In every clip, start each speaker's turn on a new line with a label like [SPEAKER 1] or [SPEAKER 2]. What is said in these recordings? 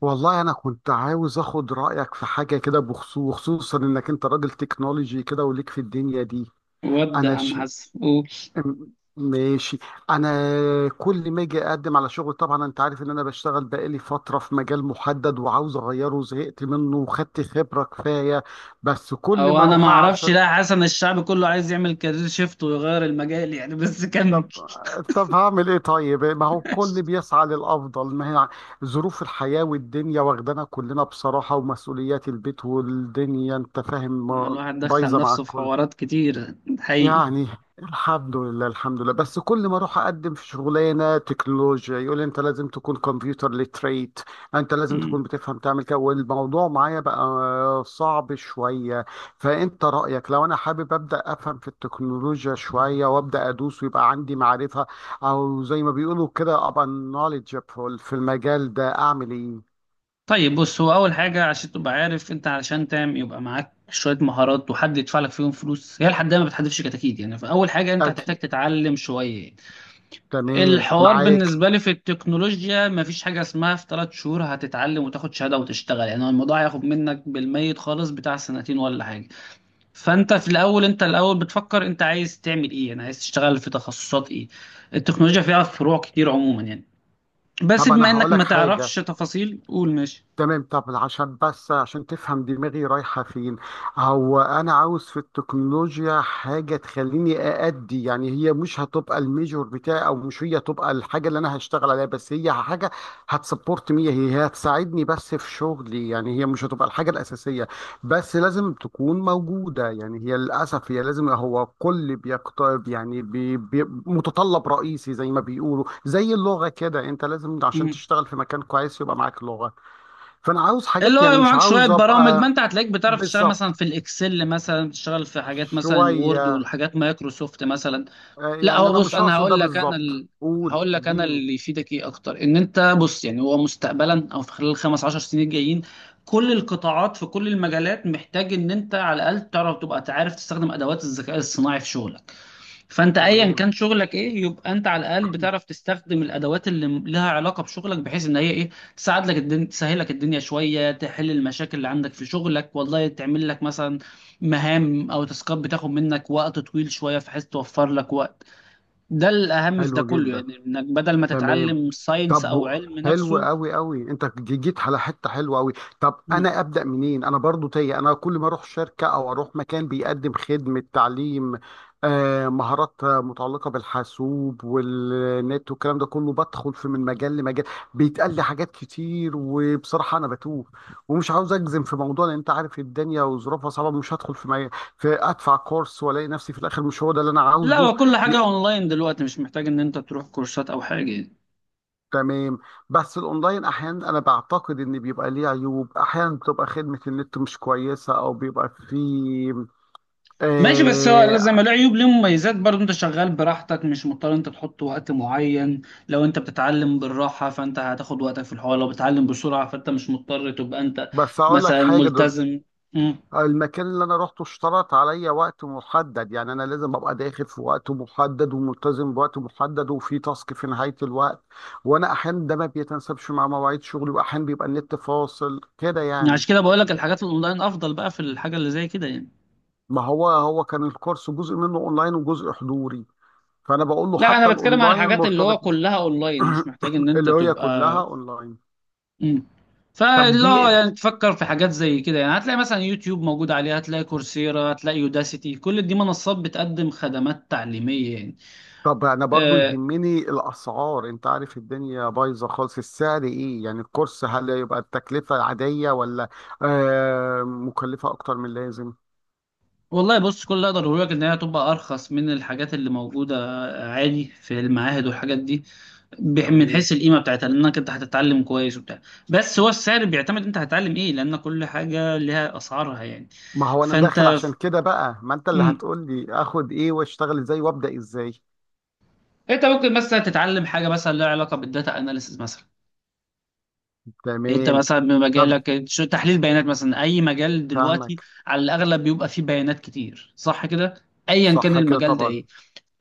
[SPEAKER 1] والله انا كنت عاوز اخد رايك في حاجه كده، بخصوص وخصوصا انك انت راجل تكنولوجي كده وليك في الدنيا دي.
[SPEAKER 2] ود يا
[SPEAKER 1] انا
[SPEAKER 2] عم
[SPEAKER 1] ش...
[SPEAKER 2] حسن، قول.
[SPEAKER 1] م- ماشي. انا كل ما اجي اقدم على شغل، طبعا انت عارف ان انا بشتغل بقالي فتره في مجال محدد وعاوز اغيره وزهقت منه وخدت خبره كفايه. بس كل
[SPEAKER 2] او
[SPEAKER 1] ما
[SPEAKER 2] انا ما
[SPEAKER 1] اروح
[SPEAKER 2] اعرفش،
[SPEAKER 1] عشان.
[SPEAKER 2] لا حسن الشعب كله عايز يعمل كارير شيفت ويغير المجال يعني، بس
[SPEAKER 1] طب
[SPEAKER 2] كمل.
[SPEAKER 1] طب هعمل ايه؟ طيب، ما هو الكل بيسعى للافضل. ما هي ظروف الحياه والدنيا واخدانا كلنا بصراحه، ومسؤوليات البيت والدنيا، انت فاهم،
[SPEAKER 2] الواحد دخل
[SPEAKER 1] بايظه مع
[SPEAKER 2] نفسه في
[SPEAKER 1] الكل،
[SPEAKER 2] حوارات كتير حقيقي.
[SPEAKER 1] يعني. الحمد لله، الحمد لله. بس كل ما اروح اقدم في شغلانه تكنولوجيا يقول لي: انت لازم تكون كمبيوتر ليتريت، انت لازم
[SPEAKER 2] مم.
[SPEAKER 1] تكون بتفهم تعمل كده، والموضوع معايا بقى صعب شويه. فانت رايك لو انا حابب ابدا افهم في التكنولوجيا شويه وابدا ادوس ويبقى عندي معرفه، او زي ما بيقولوا كده ابقى knowledgeable في المجال ده، اعمل ايه؟
[SPEAKER 2] طيب بص، هو اول حاجه عشان تبقى عارف، انت علشان تعمل يبقى معاك شويه مهارات وحد يدفع لك فيهم فلوس، هي لحد ما بتحدفش كتاكيد يعني. فاول حاجه انت هتحتاج
[SPEAKER 1] اكيد.
[SPEAKER 2] تتعلم شويه.
[SPEAKER 1] تمام
[SPEAKER 2] الحوار
[SPEAKER 1] معاك.
[SPEAKER 2] بالنسبة لي في التكنولوجيا مفيش حاجة اسمها في ثلاث شهور هتتعلم وتاخد شهادة وتشتغل يعني، هو الموضوع هياخد منك بالميت خالص بتاع سنتين ولا حاجة. فانت في الأول، انت الأول بتفكر انت عايز تعمل ايه، يعني عايز تشتغل في تخصصات ايه. التكنولوجيا فيها فروع كتير عموما يعني، بس
[SPEAKER 1] طب
[SPEAKER 2] بما
[SPEAKER 1] انا هقول
[SPEAKER 2] انك ما
[SPEAKER 1] لك
[SPEAKER 2] تعرفش
[SPEAKER 1] حاجه.
[SPEAKER 2] تفاصيل قول ماشي.
[SPEAKER 1] تمام. طب عشان، بس عشان تفهم دماغي رايحة فين. هو أنا عاوز في التكنولوجيا حاجة تخليني أأدي، يعني هي مش هتبقى الميجور بتاعي، أو مش هي هتبقى الحاجة اللي أنا هشتغل عليها، بس هي حاجة هتسبورت مي، هي هتساعدني بس في شغلي، يعني هي مش هتبقى الحاجة الأساسية، بس لازم تكون موجودة. يعني هي للأسف هي لازم، هو كل بيقترب، يعني بي متطلب رئيسي، زي ما بيقولوا، زي اللغة كده، أنت لازم عشان
[SPEAKER 2] مم.
[SPEAKER 1] تشتغل في مكان كويس يبقى معاك لغة. فانا عاوز
[SPEAKER 2] اللي
[SPEAKER 1] حاجات،
[SPEAKER 2] هو
[SPEAKER 1] يعني
[SPEAKER 2] يبقى
[SPEAKER 1] مش
[SPEAKER 2] معاك شوية
[SPEAKER 1] عاوز
[SPEAKER 2] برامج، ما
[SPEAKER 1] ابقى
[SPEAKER 2] انت هتلاقيك بتعرف تشتغل مثلا
[SPEAKER 1] بالظبط
[SPEAKER 2] في الاكسل، مثلا بتشتغل في حاجات مثلا الوورد
[SPEAKER 1] شويه.
[SPEAKER 2] والحاجات مايكروسوفت مثلا. لا
[SPEAKER 1] يعني
[SPEAKER 2] هو
[SPEAKER 1] انا
[SPEAKER 2] بص،
[SPEAKER 1] مش
[SPEAKER 2] انا
[SPEAKER 1] هقصد ده
[SPEAKER 2] هقول لك
[SPEAKER 1] بالظبط، قول
[SPEAKER 2] هقول لك انا
[SPEAKER 1] اديني.
[SPEAKER 2] اللي يفيدك ايه اكتر، ان انت بص يعني هو مستقبلا او في خلال الخمس عشر سنين الجايين كل القطاعات في كل المجالات محتاج ان انت على الاقل تعرف تبقى تعرف تستخدم ادوات الذكاء الصناعي في شغلك. فانت ايا
[SPEAKER 1] تمام.
[SPEAKER 2] كان شغلك ايه يبقى انت على الاقل بتعرف تستخدم الادوات اللي لها علاقه بشغلك، بحيث ان هي ايه، تساعد لك الدنيا، تسهل لك الدنيا شويه، تحل المشاكل اللي عندك في شغلك، والله تعمل لك مثلا مهام او تاسكات بتاخد منك وقت طويل شويه بحيث توفر لك وقت. ده الأهم في ده
[SPEAKER 1] حلو
[SPEAKER 2] كله
[SPEAKER 1] جدا.
[SPEAKER 2] يعني، إنك بدل ما
[SPEAKER 1] تمام.
[SPEAKER 2] تتعلم ساينس
[SPEAKER 1] طب
[SPEAKER 2] أو علم
[SPEAKER 1] حلو
[SPEAKER 2] نفسه.
[SPEAKER 1] قوي قوي. انت جيت على حته حلوه قوي. طب
[SPEAKER 2] مم.
[SPEAKER 1] انا ابدا منين؟ انا برضو تايه. انا كل ما اروح شركه او اروح مكان بيقدم خدمه تعليم، مهارات، متعلقه بالحاسوب والنت والكلام ده كله بدخل في من مجال لمجال. بيتقال لي حاجات كتير، وبصراحه انا بتوه، ومش عاوز اجزم في موضوع، لان انت عارف الدنيا وظروفها صعبه. مش هدخل في، في ادفع كورس والاقي نفسي في الاخر مش هو ده اللي انا
[SPEAKER 2] لا
[SPEAKER 1] عاوزه.
[SPEAKER 2] هو كل حاجة أونلاين دلوقتي، مش محتاج إن أنت تروح كورسات أو حاجة يعني.
[SPEAKER 1] تمام. بس الاونلاين احيانا انا بعتقد ان بيبقى ليه عيوب، احيانا بتبقى خدمة النت مش كويسة، او بيبقى فيه.
[SPEAKER 2] ماشي، بس هو لا زي
[SPEAKER 1] آه
[SPEAKER 2] ما له عيوب ليه مميزات برضه. أنت شغال براحتك، مش مضطر أنت تحط وقت معين. لو أنت بتتعلم بالراحة فأنت هتاخد وقتك في الحوار، لو بتتعلم بسرعة فأنت مش مضطر تبقى أنت
[SPEAKER 1] بس اقول لك
[SPEAKER 2] مثلا
[SPEAKER 1] حاجة، دول
[SPEAKER 2] ملتزم. مم.
[SPEAKER 1] المكان اللي انا رحته اشترط عليا وقت محدد، يعني انا لازم ابقى داخل في وقت محدد وملتزم بوقت محدد وفي تاسك في نهاية الوقت. وانا احيانا ده ما بيتناسبش مع مواعيد شغلي، واحيانا بيبقى النت فاصل كده، يعني.
[SPEAKER 2] عشان كده بقول لك الحاجات الأونلاين أفضل بقى في الحاجة اللي زي كده يعني.
[SPEAKER 1] ما هو كان الكورس جزء منه اونلاين وجزء حضوري، فانا بقول له
[SPEAKER 2] لا
[SPEAKER 1] حتى
[SPEAKER 2] أنا بتكلم عن
[SPEAKER 1] الاونلاين
[SPEAKER 2] الحاجات اللي
[SPEAKER 1] مرتبط.
[SPEAKER 2] هو كلها أونلاين، مش محتاج إن أنت
[SPEAKER 1] اللي هي كلها
[SPEAKER 2] تبقى.
[SPEAKER 1] اونلاين.
[SPEAKER 2] مم.
[SPEAKER 1] طب
[SPEAKER 2] فلا
[SPEAKER 1] دي،
[SPEAKER 2] يعني، تفكر في حاجات زي كده يعني، هتلاقي مثلا يوتيوب موجود عليه، هتلاقي كورسيرا، هتلاقي يوداسيتي، كل دي منصات بتقدم خدمات تعليمية يعني.
[SPEAKER 1] طب انا برضو
[SPEAKER 2] أه.
[SPEAKER 1] يهمني الاسعار. انت عارف الدنيا بايظه خالص، السعر ايه يعني الكورس؟ هل يبقى التكلفه عاديه، ولا مكلفه اكتر من اللازم؟
[SPEAKER 2] والله بص، كل اللي اقدر اقوله لك ان هي هتبقى ارخص من الحاجات اللي موجودة عادي في المعاهد والحاجات دي، من
[SPEAKER 1] تمام.
[SPEAKER 2] حيث القيمة بتاعتها، لانك انت هتتعلم كويس وبتاع. بس هو السعر بيعتمد انت هتتعلم ايه، لان كل حاجة لها اسعارها يعني.
[SPEAKER 1] ما هو انا داخل
[SPEAKER 2] فانت،
[SPEAKER 1] عشان كده بقى، ما انت اللي
[SPEAKER 2] مم،
[SPEAKER 1] هتقول لي اخد ايه واشتغل ازاي وابدا ازاي.
[SPEAKER 2] انت ممكن مثلا تتعلم حاجة مثلا لها علاقة بالداتا اناليسز مثلا. انت
[SPEAKER 1] تمام.
[SPEAKER 2] مثلا
[SPEAKER 1] طب
[SPEAKER 2] بمجالك شو تحليل بيانات، مثلا اي مجال دلوقتي
[SPEAKER 1] فاهمك.
[SPEAKER 2] على الاغلب بيبقى فيه بيانات كتير، صح كده؟ ايا كان
[SPEAKER 1] صح كده
[SPEAKER 2] المجال ده
[SPEAKER 1] طبعا.
[SPEAKER 2] ايه.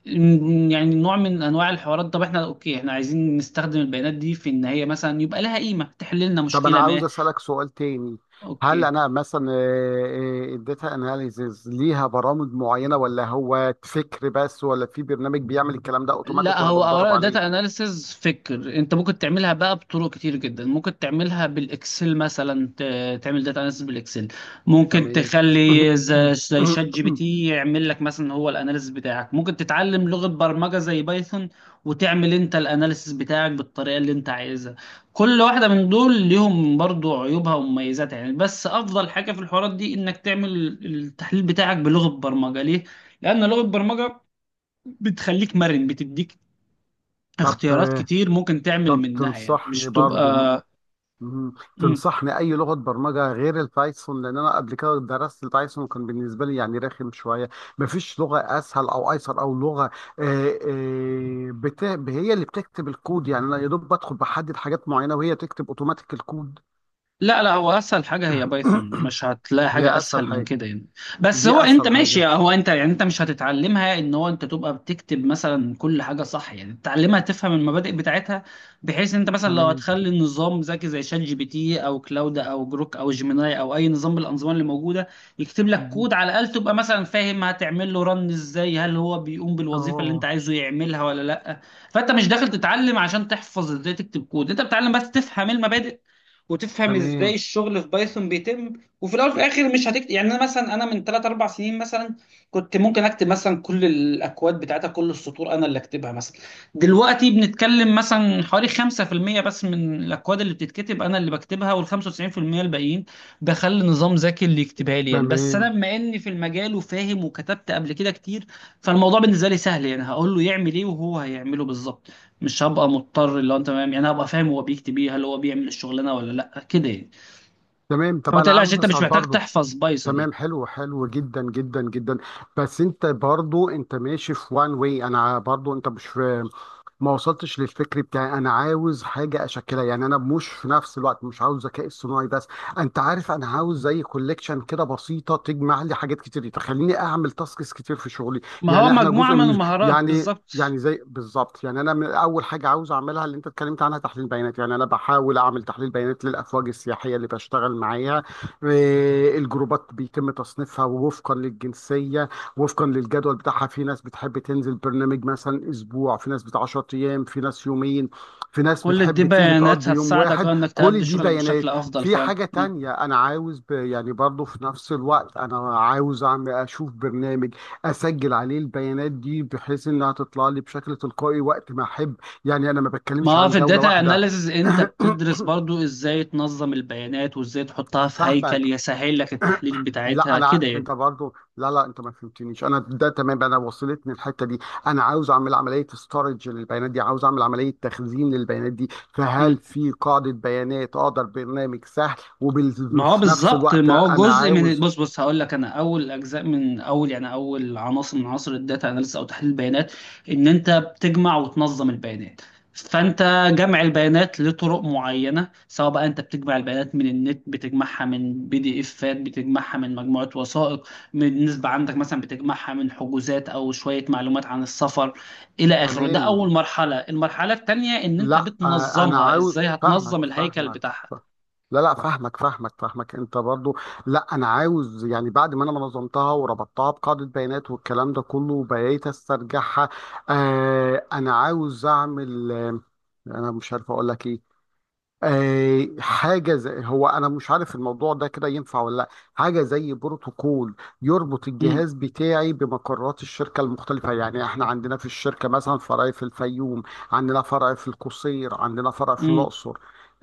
[SPEAKER 2] يعني نوع من انواع الحوارات. طب احنا اوكي، احنا عايزين نستخدم البيانات دي في ان هي مثلا يبقى لها قيمة تحل لنا
[SPEAKER 1] طب انا
[SPEAKER 2] مشكلة
[SPEAKER 1] عاوز
[SPEAKER 2] ما.
[SPEAKER 1] اسالك سؤال تاني. هل
[SPEAKER 2] اوكي.
[SPEAKER 1] انا مثلا، الداتا اناليزز ليها برامج معينه، ولا هو فكر بس، ولا في برنامج بيعمل الكلام ده اوتوماتيك
[SPEAKER 2] لا
[SPEAKER 1] وانا
[SPEAKER 2] هو
[SPEAKER 1] بتدرب
[SPEAKER 2] اولا داتا
[SPEAKER 1] عليه؟
[SPEAKER 2] اناليسز فكر، انت ممكن تعملها بقى بطرق كتير جدا، ممكن تعملها بالاكسل مثلا، تعمل داتا اناليسز بالاكسل، ممكن
[SPEAKER 1] تمام.
[SPEAKER 2] زي شات جي بي تي يعمل لك مثلا هو الاناليسز بتاعك، ممكن تتعلم لغة برمجة زي بايثون وتعمل انت الاناليسز بتاعك بالطريقة اللي انت عايزها. كل واحدة من دول ليهم برضو عيوبها ومميزاتها يعني، بس افضل حاجة في الحوارات دي انك تعمل التحليل بتاعك بلغة برمجة. ليه؟ لان لغة برمجة بتخليك مرن، بتديك
[SPEAKER 1] طب،
[SPEAKER 2] اختيارات كتير ممكن تعمل
[SPEAKER 1] طب
[SPEAKER 2] منها يعني،
[SPEAKER 1] تنصحني
[SPEAKER 2] مش
[SPEAKER 1] برضو.
[SPEAKER 2] بتبقى.
[SPEAKER 1] مم.
[SPEAKER 2] مم.
[SPEAKER 1] تنصحني اي لغه برمجه غير البايثون، لان انا قبل كده درست البايثون وكان بالنسبه لي يعني رخم شويه. مفيش لغه اسهل او ايسر، او لغه آه، آه، بت... هي اللي بتكتب الكود، يعني انا يا دوب بدخل بحدد حاجات معينه وهي تكتب اوتوماتيك الكود.
[SPEAKER 2] لا لا هو اسهل حاجه هي بايثون، مش هتلاقي حاجه
[SPEAKER 1] هي اسهل
[SPEAKER 2] اسهل من
[SPEAKER 1] حاجه.
[SPEAKER 2] كده يعني. بس
[SPEAKER 1] دي
[SPEAKER 2] هو انت
[SPEAKER 1] اسهل
[SPEAKER 2] ماشي،
[SPEAKER 1] حاجه.
[SPEAKER 2] هو انت يعني انت مش هتتعلمها ان هو انت تبقى بتكتب مثلا كل حاجه صح يعني، تتعلمها تفهم المبادئ بتاعتها بحيث انت مثلا لو
[SPEAKER 1] تمام.
[SPEAKER 2] هتخلي النظام ذكي زي شات جي بي تي او كلاود او جروك او جيميناي او اي نظام من الانظمه اللي موجوده يكتب لك
[SPEAKER 1] مم.
[SPEAKER 2] كود، على الاقل تبقى مثلا فاهم هتعمل له رن ازاي، هل هو بيقوم
[SPEAKER 1] اه
[SPEAKER 2] بالوظيفه اللي انت
[SPEAKER 1] آه.
[SPEAKER 2] عايزه يعملها ولا لا. فانت مش داخل تتعلم عشان تحفظ ازاي تكتب كود، انت بتتعلم بس تفهم المبادئ وتفهم ازاي
[SPEAKER 1] تمام،
[SPEAKER 2] الشغل في بايثون بيتم. وفي الاول وفي الاخر مش هتكتب يعني، انا مثلا من 3 4 سنين مثلا كنت ممكن اكتب مثلا كل الاكواد بتاعتها، كل السطور انا اللي اكتبها مثلا. دلوقتي بنتكلم مثلا حوالي 5% بس من الاكواد اللي بتتكتب انا اللي بكتبها، وال 95% الباقيين بخلي نظام ذكي اللي يكتبها لي يعني. بس انا
[SPEAKER 1] تمام،
[SPEAKER 2] بما اني في المجال وفاهم وكتبت قبل كده كتير، فالموضوع بالنسبه لي سهل يعني، هقول له يعمل ايه وهو هيعمله بالظبط. مش هبقى مضطر اللي هو انت تمام يعني، هبقى فاهم هو بيكتب ايه، هل هو بيعمل الشغلانه ولا لا كده يعني.
[SPEAKER 1] تمام. طب
[SPEAKER 2] فما
[SPEAKER 1] انا
[SPEAKER 2] تقلقش،
[SPEAKER 1] عاوز
[SPEAKER 2] انت مش
[SPEAKER 1] اسال
[SPEAKER 2] محتاج
[SPEAKER 1] برضو.
[SPEAKER 2] تحفظ بايثون يعني.
[SPEAKER 1] تمام، حلو، حلو جدا جدا جدا. بس انت برضو انت ماشي في وان واي، انا برضو، انت مش في، ما وصلتش للفكر بتاعي. انا عاوز حاجه اشكلها، يعني انا مش، في نفس الوقت مش عاوز ذكاء اصطناعي بس. انت عارف، انا عاوز زي كوليكشن كده بسيطه، تجمع لي حاجات كتير، تخليني اعمل تاسكس كتير في شغلي.
[SPEAKER 2] ما هو
[SPEAKER 1] يعني احنا
[SPEAKER 2] مجموعه
[SPEAKER 1] جزء
[SPEAKER 2] من
[SPEAKER 1] من،
[SPEAKER 2] المهارات
[SPEAKER 1] يعني
[SPEAKER 2] بالظبط.
[SPEAKER 1] يعني زي بالظبط، يعني انا من اول حاجه عاوز اعملها اللي انت اتكلمت عنها تحليل بيانات. يعني انا بحاول اعمل تحليل بيانات للافواج السياحيه اللي بشتغل معاها. الجروبات بيتم تصنيفها، ووفقا للجنسية، وفقا للجدول بتاعها، في ناس بتحب تنزل برنامج مثلا أسبوع، في ناس بتاع 10 أيام، في ناس يومين، في ناس
[SPEAKER 2] كل دي
[SPEAKER 1] بتحب تيجي
[SPEAKER 2] بيانات
[SPEAKER 1] تقضي يوم
[SPEAKER 2] هتساعدك،
[SPEAKER 1] واحد.
[SPEAKER 2] اه، انك تأدي
[SPEAKER 1] كل دي
[SPEAKER 2] شغلك
[SPEAKER 1] بيانات.
[SPEAKER 2] بشكل افضل
[SPEAKER 1] في
[SPEAKER 2] فعلا.
[SPEAKER 1] حاجة
[SPEAKER 2] مم.
[SPEAKER 1] تانية أنا عاوز، يعني برضو في نفس الوقت أنا عاوز أعمل، أشوف برنامج أسجل عليه البيانات دي بحيث إنها تطلع لي بشكل تلقائي وقت ما أحب. يعني أنا ما
[SPEAKER 2] ما
[SPEAKER 1] بتكلمش
[SPEAKER 2] هو
[SPEAKER 1] عن
[SPEAKER 2] في
[SPEAKER 1] جولة
[SPEAKER 2] الداتا
[SPEAKER 1] واحدة.
[SPEAKER 2] اناليسز انت بتدرس برضو ازاي تنظم البيانات وازاي تحطها في هيكل
[SPEAKER 1] فاهمك.
[SPEAKER 2] يسهل لك التحليل
[SPEAKER 1] لا
[SPEAKER 2] بتاعتها
[SPEAKER 1] انا،
[SPEAKER 2] كده يعني.
[SPEAKER 1] انت برضو لا لا، انت ما فهمتنيش، انا ده تمام، انا وصلتني الحته دي. انا عاوز اعمل عمليه ستورج للبيانات دي، عاوز اعمل عمليه تخزين للبيانات دي. فهل في قاعده بيانات اقدر؟ برنامج سهل،
[SPEAKER 2] ما هو
[SPEAKER 1] وفي نفس
[SPEAKER 2] بالظبط،
[SPEAKER 1] الوقت
[SPEAKER 2] ما هو
[SPEAKER 1] انا
[SPEAKER 2] جزء من،
[SPEAKER 1] عاوز.
[SPEAKER 2] بص بص هقول لك انا، اول اجزاء من اول يعني اول عناصر من عناصر الداتا اناليسيس او تحليل البيانات، ان انت بتجمع وتنظم البيانات. فانت، جمع البيانات لطرق معينه، سواء بقى انت بتجمع البيانات من النت، بتجمعها من بي دي افات، بتجمعها من مجموعه وثائق من نسبه عندك مثلا، بتجمعها من حجوزات او شويه معلومات عن السفر الى اخره. ده اول
[SPEAKER 1] تمام.
[SPEAKER 2] مرحله. المرحله الثانيه ان انت
[SPEAKER 1] لا، انا
[SPEAKER 2] بتنظمها،
[SPEAKER 1] عاوز.
[SPEAKER 2] ازاي هتنظم
[SPEAKER 1] فاهمك،
[SPEAKER 2] الهيكل
[SPEAKER 1] فاهمك.
[SPEAKER 2] بتاعها.
[SPEAKER 1] لا، لا، فاهمك، فاهمك، فاهمك، انت برضو. لا انا عاوز، يعني بعد ما انا نظمتها وربطتها بقاعدة بيانات والكلام ده كله وبقيت استرجعها، انا عاوز اعمل، انا مش عارف اقول لك ايه. حاجة زي، هو أنا مش عارف الموضوع ده كده ينفع ولا لأ، حاجة زي بروتوكول يربط الجهاز بتاعي بمقرات الشركة المختلفة. يعني إحنا عندنا في الشركة مثلا فرع في الفيوم، عندنا فرع في القصير، عندنا فرع في
[SPEAKER 2] مم.
[SPEAKER 1] الأقصر،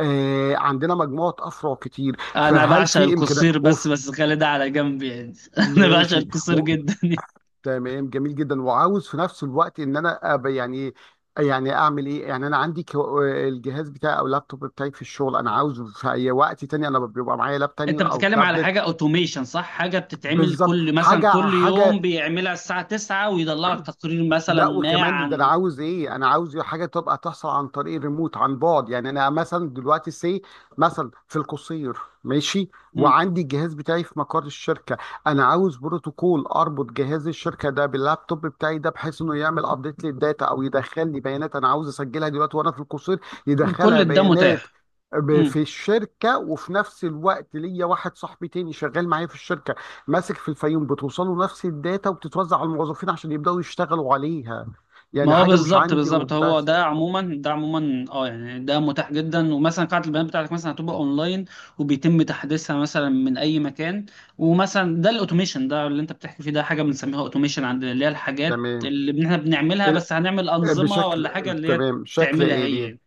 [SPEAKER 1] عندنا مجموعة أفرع كتير.
[SPEAKER 2] انا
[SPEAKER 1] فهل
[SPEAKER 2] بعشق
[SPEAKER 1] في إمكانية
[SPEAKER 2] القصير، بس
[SPEAKER 1] أوف؟
[SPEAKER 2] بس خلي ده على جنب يعني. انا بعشق
[SPEAKER 1] ماشي.
[SPEAKER 2] القصير جدا.
[SPEAKER 1] تمام، جميل جدا. وعاوز في نفس الوقت ان انا أبقى يعني إيه، يعني اعمل ايه. يعني انا عندي الجهاز بتاعي او اللابتوب بتاعي في الشغل، انا عاوزه في اي وقت تاني انا بيبقى معايا لاب تاني
[SPEAKER 2] انت
[SPEAKER 1] او
[SPEAKER 2] بتتكلم على
[SPEAKER 1] تابلت.
[SPEAKER 2] حاجه اوتوميشن، صح؟ حاجه بتتعمل
[SPEAKER 1] بالظبط،
[SPEAKER 2] كل، مثلا
[SPEAKER 1] حاجه
[SPEAKER 2] كل يوم
[SPEAKER 1] حاجه.
[SPEAKER 2] بيعملها الساعه 9 ويطلع لك تقرير مثلا
[SPEAKER 1] لا،
[SPEAKER 2] ما
[SPEAKER 1] وكمان ده انا
[SPEAKER 2] عن.
[SPEAKER 1] عاوز ايه، انا عاوز حاجه تبقى تحصل عن طريق الريموت عن بعد. يعني انا مثلا دلوقتي سي مثلا في القصير، ماشي،
[SPEAKER 2] مم.
[SPEAKER 1] وعندي الجهاز بتاعي في مقر الشركه. انا عاوز بروتوكول اربط جهاز الشركه ده باللابتوب بتاعي ده، بحيث انه يعمل ابديت للداتا او يدخل لي بيانات انا عاوز اسجلها دلوقتي وانا في القصير، يدخلها
[SPEAKER 2] كل ده
[SPEAKER 1] بيانات
[SPEAKER 2] متاح.
[SPEAKER 1] في الشركه. وفي نفس الوقت ليا واحد صاحبي تاني شغال معايا في الشركه ماسك في الفيوم، بتوصله نفس الداتا وبتتوزع على الموظفين عشان يبدأوا يشتغلوا عليها،
[SPEAKER 2] ما
[SPEAKER 1] يعني
[SPEAKER 2] هو
[SPEAKER 1] حاجة مش
[SPEAKER 2] بالظبط
[SPEAKER 1] عندي
[SPEAKER 2] بالظبط، هو
[SPEAKER 1] وبس.
[SPEAKER 2] ده عموما، اه يعني ده متاح جدا. ومثلا قاعة البيانات بتاعتك مثلا هتبقى اونلاين وبيتم تحديثها مثلا من اي مكان. ومثلا ده الاوتوميشن ده اللي انت بتحكي فيه، ده حاجة بنسميها اوتوميشن، عند اللي هي الحاجات
[SPEAKER 1] تمام،
[SPEAKER 2] اللي احنا بنعملها
[SPEAKER 1] ال-
[SPEAKER 2] بس هنعمل انظمة
[SPEAKER 1] بشكل،
[SPEAKER 2] ولا حاجة اللي هي
[SPEAKER 1] تمام شكل
[SPEAKER 2] تعملها
[SPEAKER 1] آلي،
[SPEAKER 2] هي.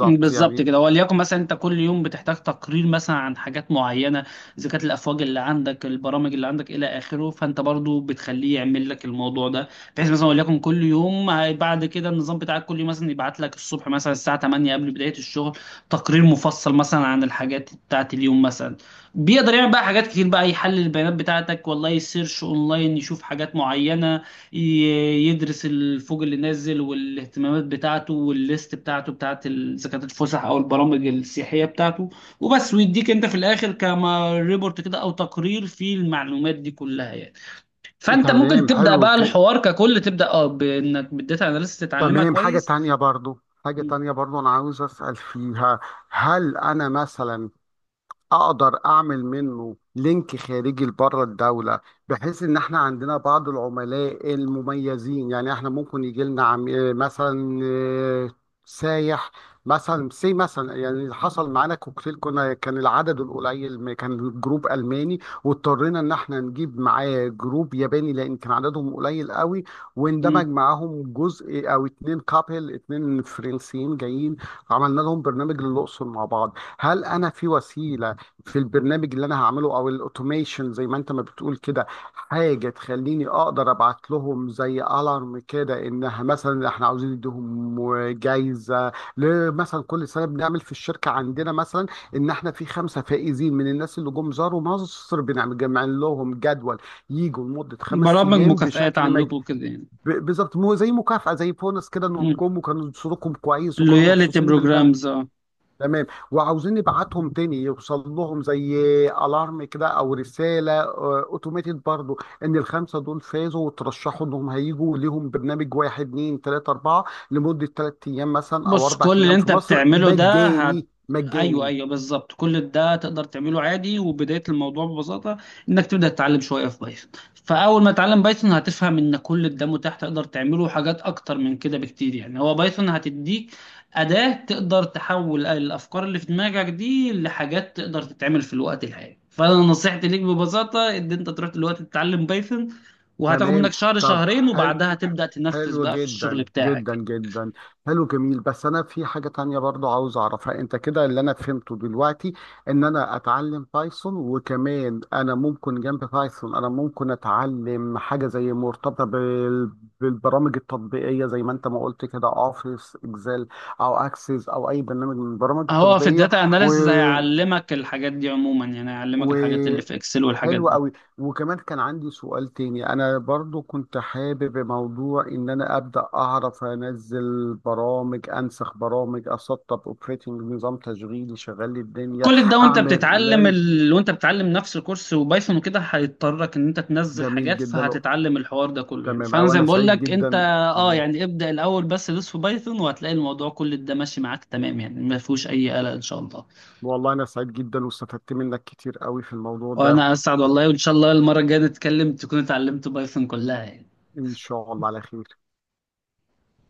[SPEAKER 2] بالظبط
[SPEAKER 1] يعني.
[SPEAKER 2] كده. وليكن مثلا انت كل يوم بتحتاج تقرير مثلا عن حاجات معينه، اذا كانت الافواج اللي عندك، البرامج اللي عندك، الى اخره، فانت برضو بتخليه يعمل لك الموضوع ده، بحيث مثلا وليكن كل يوم بعد كده النظام بتاعك كل يوم مثلا يبعت لك الصبح مثلا الساعه 8 قبل بدايه الشغل تقرير مفصل مثلا عن الحاجات بتاعت اليوم مثلا. بيقدر يعمل بقى حاجات كتير بقى، يحلل البيانات بتاعتك، والله يسيرش اونلاين يشوف حاجات معينه، يدرس الفوج اللي نازل والاهتمامات بتاعته والليست بتاعته بتاعت اذا كانت الفسح او البرامج السياحيه بتاعته، وبس ويديك انت في الاخر كما ريبورت كده او تقرير فيه المعلومات دي كلها يعني. فانت
[SPEAKER 1] تمام،
[SPEAKER 2] ممكن تبدا
[SPEAKER 1] حلو
[SPEAKER 2] بقى الحوار ككل، تبدا اه بانك بالداتا اناليسيس تتعلمها
[SPEAKER 1] تمام. حاجة
[SPEAKER 2] كويس.
[SPEAKER 1] تانية برضو، حاجة
[SPEAKER 2] م-
[SPEAKER 1] تانية برضو أنا عاوز أسأل فيها. هل أنا مثلا اقدر اعمل منه لينك خارجي لبره الدوله، بحيث ان احنا عندنا بعض العملاء المميزين؟ يعني احنا ممكن يجي لنا عم... آه، مثلا، سايح، مثلا سي مثلا. يعني حصل معانا كوكتيل، كنا كان العدد القليل، ما كان جروب الماني واضطرينا ان احنا نجيب معاه جروب ياباني لان كان عددهم قليل قوي،
[SPEAKER 2] م.
[SPEAKER 1] واندمج معاهم جزء، او اتنين كابل، اتنين فرنسيين جايين، عملنا لهم برنامج للاقصر مع بعض. هل انا في وسيله، في البرنامج اللي انا هعمله او الاوتوميشن زي ما انت ما بتقول كده، حاجه تخليني اقدر ابعت لهم زي الارم كده، انها مثلا احنا عاوزين نديهم جايزه؟ مثلا كل سنه بنعمل في الشركه عندنا مثلا ان احنا في 5 فائزين من الناس اللي جم زاروا مصر، بنعمل جمع لهم جدول يجوا لمده خمس
[SPEAKER 2] برامج
[SPEAKER 1] ايام
[SPEAKER 2] مكافآت
[SPEAKER 1] بشكل
[SPEAKER 2] عندكم وكده يعني.
[SPEAKER 1] بالظبط، مو زي مكافاه، زي بونس كده، انهم جم وكانوا صوتكم كويس وكانوا
[SPEAKER 2] لويالتي
[SPEAKER 1] مبسوطين بالبلد.
[SPEAKER 2] بروجرامز اه.
[SPEAKER 1] تمام، وعاوزين نبعتهم تاني، يوصل لهم زي الارم كده او رساله اوتوماتيد برضو، ان الخمسه دول فازوا وترشحوا انهم هيجوا ليهم برنامج 1 2 3 4، لمده 3 ايام مثلا او
[SPEAKER 2] بص
[SPEAKER 1] اربع
[SPEAKER 2] كل اللي
[SPEAKER 1] ايام في
[SPEAKER 2] انت
[SPEAKER 1] مصر،
[SPEAKER 2] بتعمله ده،
[SPEAKER 1] مجاني،
[SPEAKER 2] ايوه
[SPEAKER 1] مجاني.
[SPEAKER 2] ايوه بالظبط، كل ده تقدر تعمله عادي. وبدايه الموضوع ببساطه انك تبدا تتعلم شويه في بايثون. فاول ما تتعلم بايثون هتفهم ان كل ده متاح، تقدر تعمله حاجات اكتر من كده بكتير يعني، هو بايثون هتديك اداه تقدر تحول الافكار اللي في دماغك دي لحاجات تقدر تتعمل في الوقت الحالي. فانا نصيحتي ليك ببساطه، ان انت تروح دلوقتي تتعلم بايثون، وهتاخد
[SPEAKER 1] تمام،
[SPEAKER 2] منك شهر
[SPEAKER 1] طب،
[SPEAKER 2] شهرين
[SPEAKER 1] حلو،
[SPEAKER 2] وبعدها تبدا تنفذ
[SPEAKER 1] حلو
[SPEAKER 2] بقى في
[SPEAKER 1] جدا
[SPEAKER 2] الشغل
[SPEAKER 1] جدا
[SPEAKER 2] بتاعك.
[SPEAKER 1] جدا، حلو، جميل. بس انا في حاجة تانية برضو عاوز اعرفها. انت كده، اللي انا فهمته دلوقتي ان انا اتعلم بايثون، وكمان انا ممكن جنب بايثون انا ممكن اتعلم حاجة زي مرتبطة بالبرامج التطبيقية، زي ما انت ما قلت كده، اوفيس اكسل، او اكسس، او اي برنامج من البرامج
[SPEAKER 2] هو في
[SPEAKER 1] التطبيقية.
[SPEAKER 2] الداتا اناليسز هيعلمك الحاجات دي عموما يعني، هيعلمك
[SPEAKER 1] و...
[SPEAKER 2] الحاجات اللي في اكسل والحاجات
[SPEAKER 1] حلو
[SPEAKER 2] دي.
[SPEAKER 1] قوي. وكمان كان عندي سؤال تاني، انا برضو كنت حابب موضوع، ان انا ابدا اعرف انزل برامج، انسخ برامج، اسطب اوبريتنج، نظام تشغيلي شغال لي الدنيا،
[SPEAKER 2] كل ده وانت
[SPEAKER 1] اعمل
[SPEAKER 2] بتتعلم
[SPEAKER 1] لان.
[SPEAKER 2] وانت بتتعلم نفس الكورس وبايثون وكده، هيضطرك ان انت تنزل
[SPEAKER 1] جميل
[SPEAKER 2] حاجات
[SPEAKER 1] جدا.
[SPEAKER 2] فهتتعلم الحوار ده كله يعني.
[SPEAKER 1] تمام.
[SPEAKER 2] فانا
[SPEAKER 1] او
[SPEAKER 2] زي
[SPEAKER 1] انا
[SPEAKER 2] ما بقول
[SPEAKER 1] سعيد
[SPEAKER 2] لك، انت
[SPEAKER 1] جدا.
[SPEAKER 2] اه يعني ابدأ الاول، بس دوس في بايثون وهتلاقي الموضوع كل ده ماشي معاك تمام يعني، ما فيهوش اي قلق ان شاء الله.
[SPEAKER 1] والله انا سعيد جدا واستفدت منك كتير قوي في الموضوع ده.
[SPEAKER 2] وانا اسعد والله، وان شاء الله المرة الجاية نتكلم تكون اتعلمت بايثون كلها يعني.
[SPEAKER 1] ان شاء الله على خير.